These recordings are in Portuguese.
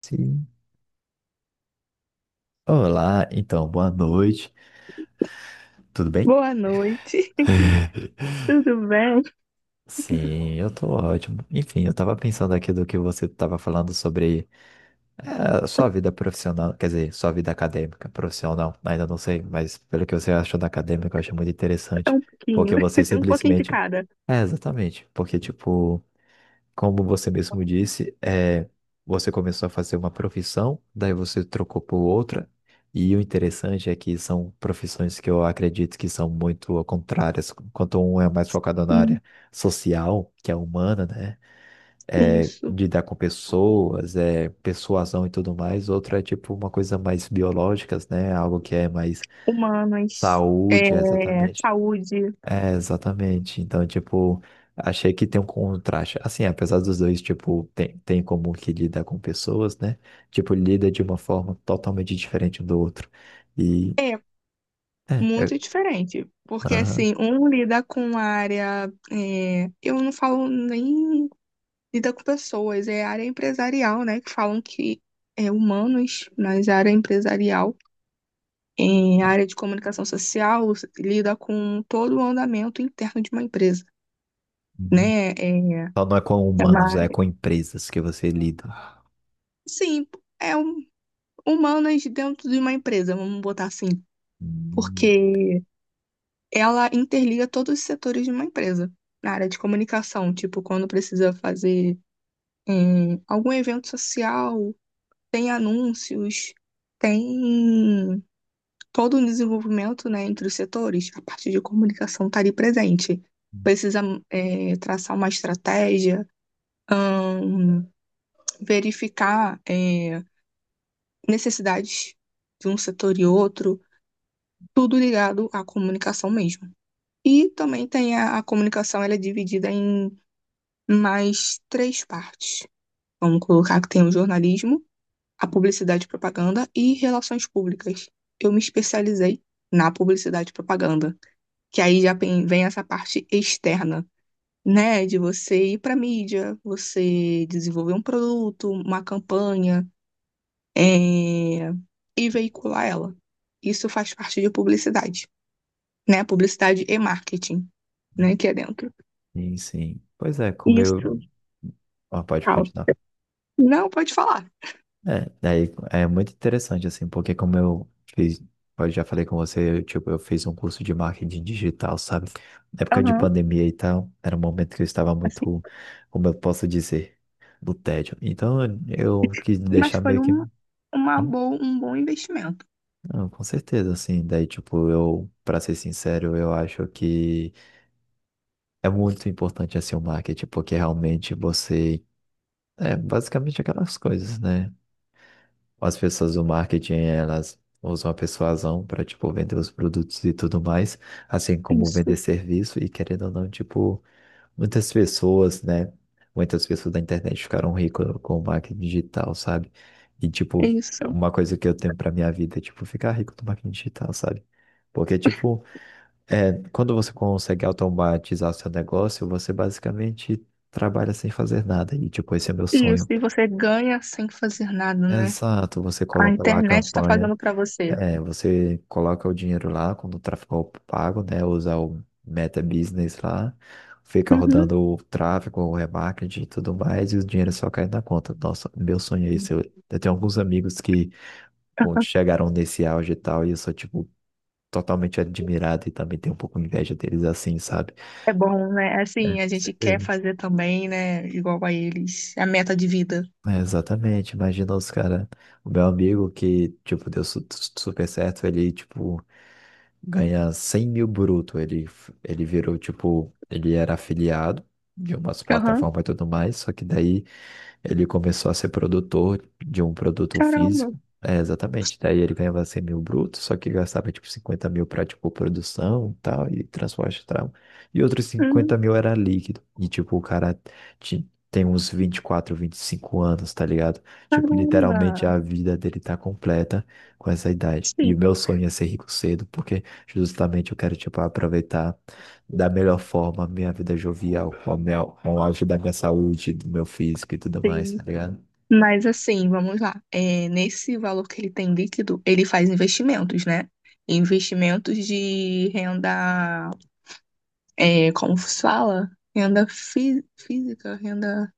Sim. Olá, então, boa noite. Tudo bem? Boa noite, tudo bem? Sim, eu tô ótimo. Enfim, eu tava pensando aqui do que você tava falando sobre sua vida profissional, quer dizer, sua vida acadêmica, profissional, ainda não sei, mas pelo que você achou da acadêmica, eu achei muito É interessante, um porque pouquinho, você um pouquinho de simplesmente... cada. É, exatamente, porque, tipo, como você mesmo disse, é, você começou a fazer uma profissão, daí você trocou por outra, e o interessante é que são profissões que eu acredito que são muito contrárias, enquanto um é mais focado na Sim. área social, que é humana, né? É, Isso, lidar com pessoas, é, persuasão e tudo mais, outra é tipo uma coisa mais biológica, né? Algo que é mais humanas, é, saúde, exatamente. saúde. É, exatamente. Então, tipo, achei que tem um contraste. Assim, apesar dos dois, tipo, tem como que lida com pessoas, né? Tipo, lida de uma forma totalmente diferente um do outro. E, É é, eu, muito diferente, porque aham. assim, um lida com a área, eu não falo nem lida com pessoas, é área empresarial, né, que falam que é humanos, mas área empresarial, é, Não. área de comunicação social, lida com todo o andamento interno de uma empresa, Uhum. né. é, Então não é com é humanos, uma é com empresas que você lida. sim, é um, humanas dentro de uma empresa, vamos botar assim, Hum. porque ela interliga todos os setores de uma empresa. Na área de comunicação, tipo, quando precisa fazer algum evento social, tem anúncios, tem todo um desenvolvimento, né, entre os setores. A parte de comunicação está ali presente. Precisa traçar uma estratégia, ahn, verificar necessidades de um setor e outro, tudo ligado à comunicação mesmo. E também tem a comunicação, ela é dividida em mais três partes. Vamos colocar que tem o jornalismo, a publicidade e propaganda e relações públicas. Eu me especializei na publicidade e propaganda, que aí já vem essa parte externa, né, de você ir para a mídia, você desenvolver um produto, uma campanha, é, e veicular ela. Isso faz parte de publicidade, né? Publicidade e marketing, né? Que é dentro. Sim, sim. Pois é, como eu... Isso, Ah, pode tal. continuar. Não, pode falar. É, daí é muito interessante, assim, porque como eu fiz, eu já falei com você, eu, tipo, eu fiz um curso de marketing digital, sabe? Na época de Aham, pandemia e tal, era um momento que eu estava assim. muito, como eu posso dizer, no tédio. Então eu quis Mas deixar foi meio que. uma Hum, boa, um bom investimento. não, com certeza, assim, daí, tipo, eu, para ser sincero, eu acho que é muito importante, assim, o marketing, porque realmente você. É basicamente aquelas coisas, né? As pessoas do marketing, elas usam a persuasão para, tipo, vender os produtos e tudo mais, assim como Isso, vender serviço e querendo ou não, tipo, muitas pessoas, né? Muitas pessoas da internet ficaram ricas com o marketing digital, sabe? E, tipo, é isso, uma coisa que eu tenho para minha vida é, tipo, ficar rico do marketing digital, sabe? Porque, tipo, é, quando você consegue automatizar seu negócio, você basicamente trabalha sem fazer nada. E, tipo, esse é meu isso. sonho. E você ganha sem fazer nada, né? Exato, você A coloca lá a internet está campanha. fazendo para você. É, você coloca o dinheiro lá quando o tráfego é pago, né? Usa o Meta Business lá, fica Uhum. rodando o tráfego, o remarketing e tudo mais, e o dinheiro só cai na conta. Nossa, meu sonho é isso. Eu tenho alguns amigos que quando chegaram nesse auge e tal, e eu sou, tipo, totalmente admirado e também tenho um pouco inveja deles assim, sabe? É bom, né? É, Assim, a com gente quer certeza. fazer também, né? Igual a eles. A meta de vida. É, exatamente. Imagina os caras. O meu amigo que, tipo, deu super certo, ele, tipo. Ganha 100 mil bruto. Ele virou, tipo, ele era afiliado de umas Aham. plataformas e tudo mais, só que daí ele começou a ser produtor de um produto Caramba. físico. É, exatamente. Daí ele ganhava 100 mil brutos, só que gastava tipo 50 mil para tipo produção e tal, e transporte e tal. E outros cinquenta Uhum. mil era líquido. E tipo, o cara tem uns 24, 25 anos, tá ligado? Tipo, Caramba. literalmente a vida dele tá completa com essa idade. E Sim, o meu sonho é ser rico cedo, porque justamente eu quero tipo aproveitar da melhor forma a minha vida jovial, com o auge da minha saúde, do meu físico e tudo mais, sim. tá ligado? Mas assim, vamos lá. É, nesse valor que ele tem líquido, ele faz investimentos, né? Investimentos de renda, é, como se fala? Renda fi- física, renda.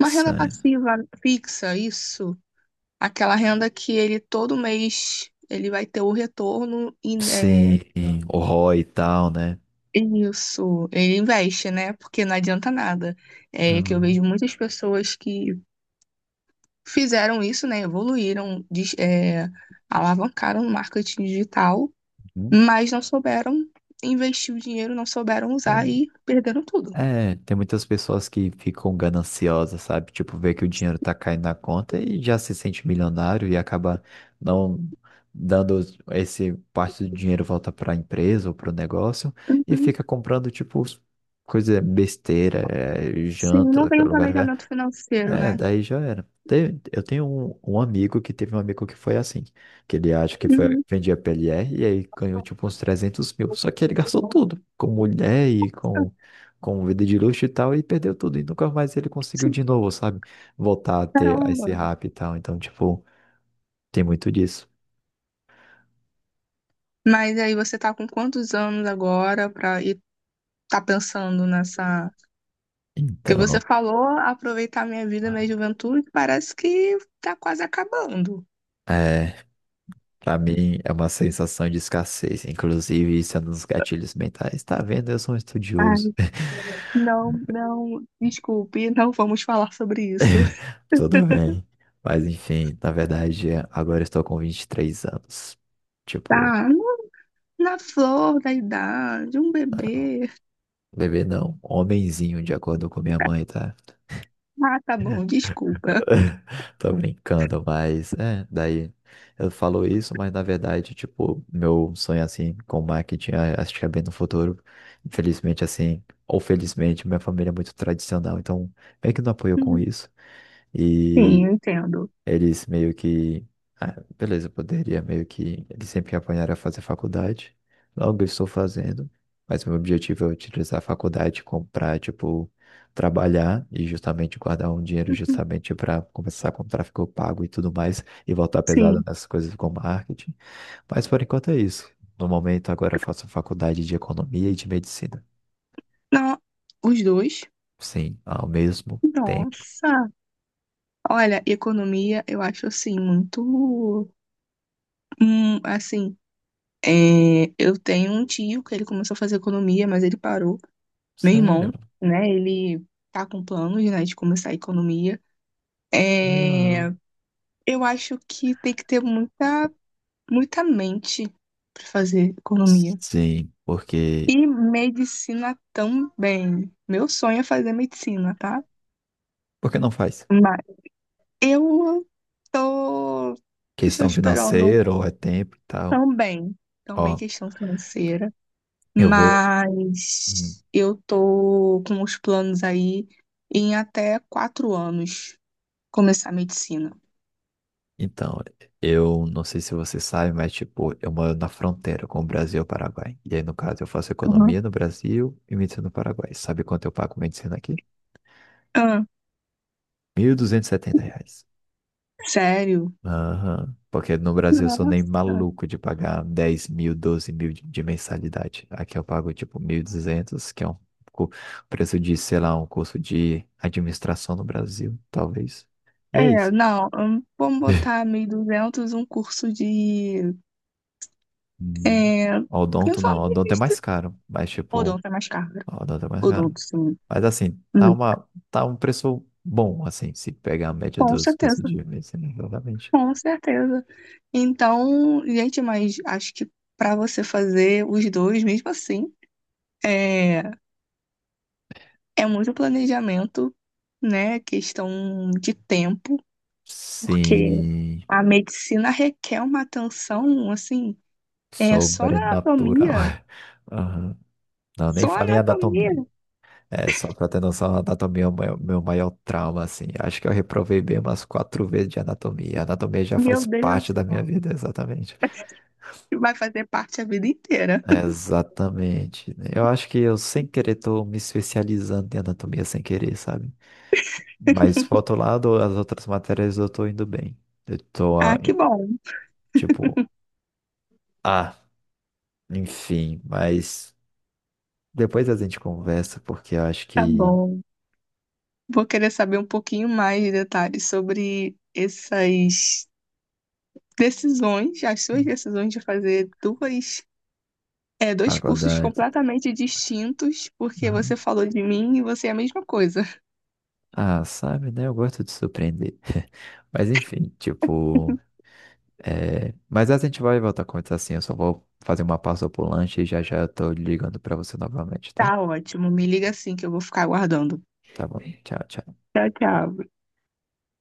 Uma renda passiva fixa, isso. Aquela renda que ele todo mês ele vai ter o retorno e é, Sim, o Roy e tal, né? isso, ele investe, né? Porque não adianta nada. É que eu Não. vejo muitas pessoas que fizeram isso, né? Evoluíram, dis- é, alavancaram o marketing digital, Uhum. mas não souberam investir o dinheiro, não souberam usar e perderam tudo. É, tem muitas pessoas que ficam gananciosas, sabe? Tipo, vê que o dinheiro tá caindo na conta e já se sente milionário e acaba não dando esse parte do dinheiro volta para a empresa ou para o negócio e Uhum. fica comprando, tipo, coisa besteira, é, Sim, não janta, tem um lugar. planejamento financeiro, É, né? daí já era. Eu tenho um amigo que teve um amigo que foi assim, que ele acha que foi, Uhum. vendia PLR e aí ganhou tipo uns 300 mil. Só que ele gastou Nossa, tudo, com mulher e com vida de luxo e tal, e perdeu tudo. E nunca mais ele conseguiu sim, de novo, sabe? Voltar a ter a esse caramba. rap e tal. Então, tipo, tem muito disso. Mas aí você tá com quantos anos agora pra ir, tá pensando nessa. Porque você Então, falou aproveitar minha vida, minha juventude, parece que tá quase acabando. é, pra mim é uma sensação de escassez. Inclusive, isso é um dos gatilhos mentais. Tá vendo? Eu sou um Ai, estudioso. não, não, desculpe, não vamos falar sobre isso. Tudo bem. Mas enfim, na verdade, agora eu estou com 23 anos. Tipo, Tá, no- na flor da idade, um não, bebê. bebê não, homenzinho, de acordo com minha mãe, tá? Ah, tá bom, desculpa. Tô brincando, mas é, daí eu falo isso, mas na verdade, tipo, meu sonho assim com marketing, acho que é bem no futuro. Infelizmente, assim, ou felizmente, minha família é muito tradicional, então meio que não apoio com Uhum. isso. Sim, E eu entendo. eles meio que. Ah, beleza, eu poderia meio que. Eles sempre me apanharam a fazer faculdade. Logo eu estou fazendo. Mas meu objetivo é utilizar a faculdade, comprar, tipo, trabalhar e justamente guardar um dinheiro Uhum, justamente para começar com tráfego pago e tudo mais e voltar pesado sim. nessas coisas com marketing. Mas por enquanto é isso. No momento agora eu faço faculdade de economia e de medicina. Não, os dois. Sim, ao mesmo tempo. Nossa. Olha, economia eu acho assim muito, assim, é, eu tenho um tio que ele começou a fazer economia, mas ele parou. Meu Sério? irmão, né? Ele tá com planos, né, de começar a economia. É, Não. eu acho que tem que ter muita, muita mente para fazer economia. Sim, porque. E medicina também. Meu sonho é fazer medicina, tá? Por que não faz? Mas eu tô, estou Questão esperando financeira ou é tempo e tal. também, também Ó, questão financeira, eu vou. Hum. mas eu tô com os planos aí em até 4 anos começar a medicina. Então, eu não sei se você sabe, mas tipo, eu moro na fronteira com o Brasil e o Paraguai. E aí, no caso, eu faço Uhum. economia no Brasil e medicina no Paraguai. Sabe quanto eu pago medicina aqui? Ah, R$ 1.270. sério? Aham. Porque no Brasil eu sou nem Nossa. maluco de pagar 10 mil, 12 mil de mensalidade. Aqui eu pago tipo 1.200 que é um cu- preço de, sei lá, um curso de administração no Brasil, talvez. E é É, isso. não, vamos botar 1.200, um curso de. Hum. É, Odonto não, odonto é principalmente mais caro, mas tipo, odonto é mais caro, né? odonto é mais caro. Odonto, sim. Mas assim, Hum, tá um preço bom, assim, se pegar a média com dos custos certeza, de medicina, exatamente. com certeza. Então, gente, mas acho que para você fazer os dois, mesmo assim, é, é muito planejamento, né? Questão de tempo, porque Sim, a medicina requer uma atenção, assim, é só na sobrenatural. anatomia. Aham. Não, nem Só falei em anatomia, anatomia. É, só pra ter noção, a anatomia é o meu maior trauma, assim. Acho que eu reprovei bem umas quatro vezes de anatomia. A anatomia já meu faz parte Deus. da minha vida, exatamente. Vai fazer parte a vida inteira. Exatamente, né? Eu acho que eu, sem querer, tô me especializando em anatomia sem querer, sabe? Mas, por outro lado, as outras matérias eu tô indo bem. Eu tô, ah, Ah, que bom, tipo, ah, enfim, mas depois a gente conversa, porque eu acho tá que bom. Vou querer saber um pouquinho mais de detalhes sobre essas decisões, as suas decisões de fazer duas, é, dois cursos faculdade. completamente distintos, porque Aham. você falou de mim e você é a mesma coisa. Ah, sabe, né? Eu gosto de surpreender. Mas, enfim, tipo. É... Mas a gente vai voltar a conversar assim. Eu só vou fazer uma pausa pro lanche e já já eu tô ligando pra você novamente, tá? Tá ótimo, me liga assim que eu vou ficar aguardando. Tá bom. Tchau, tchau. Tchau, tchau.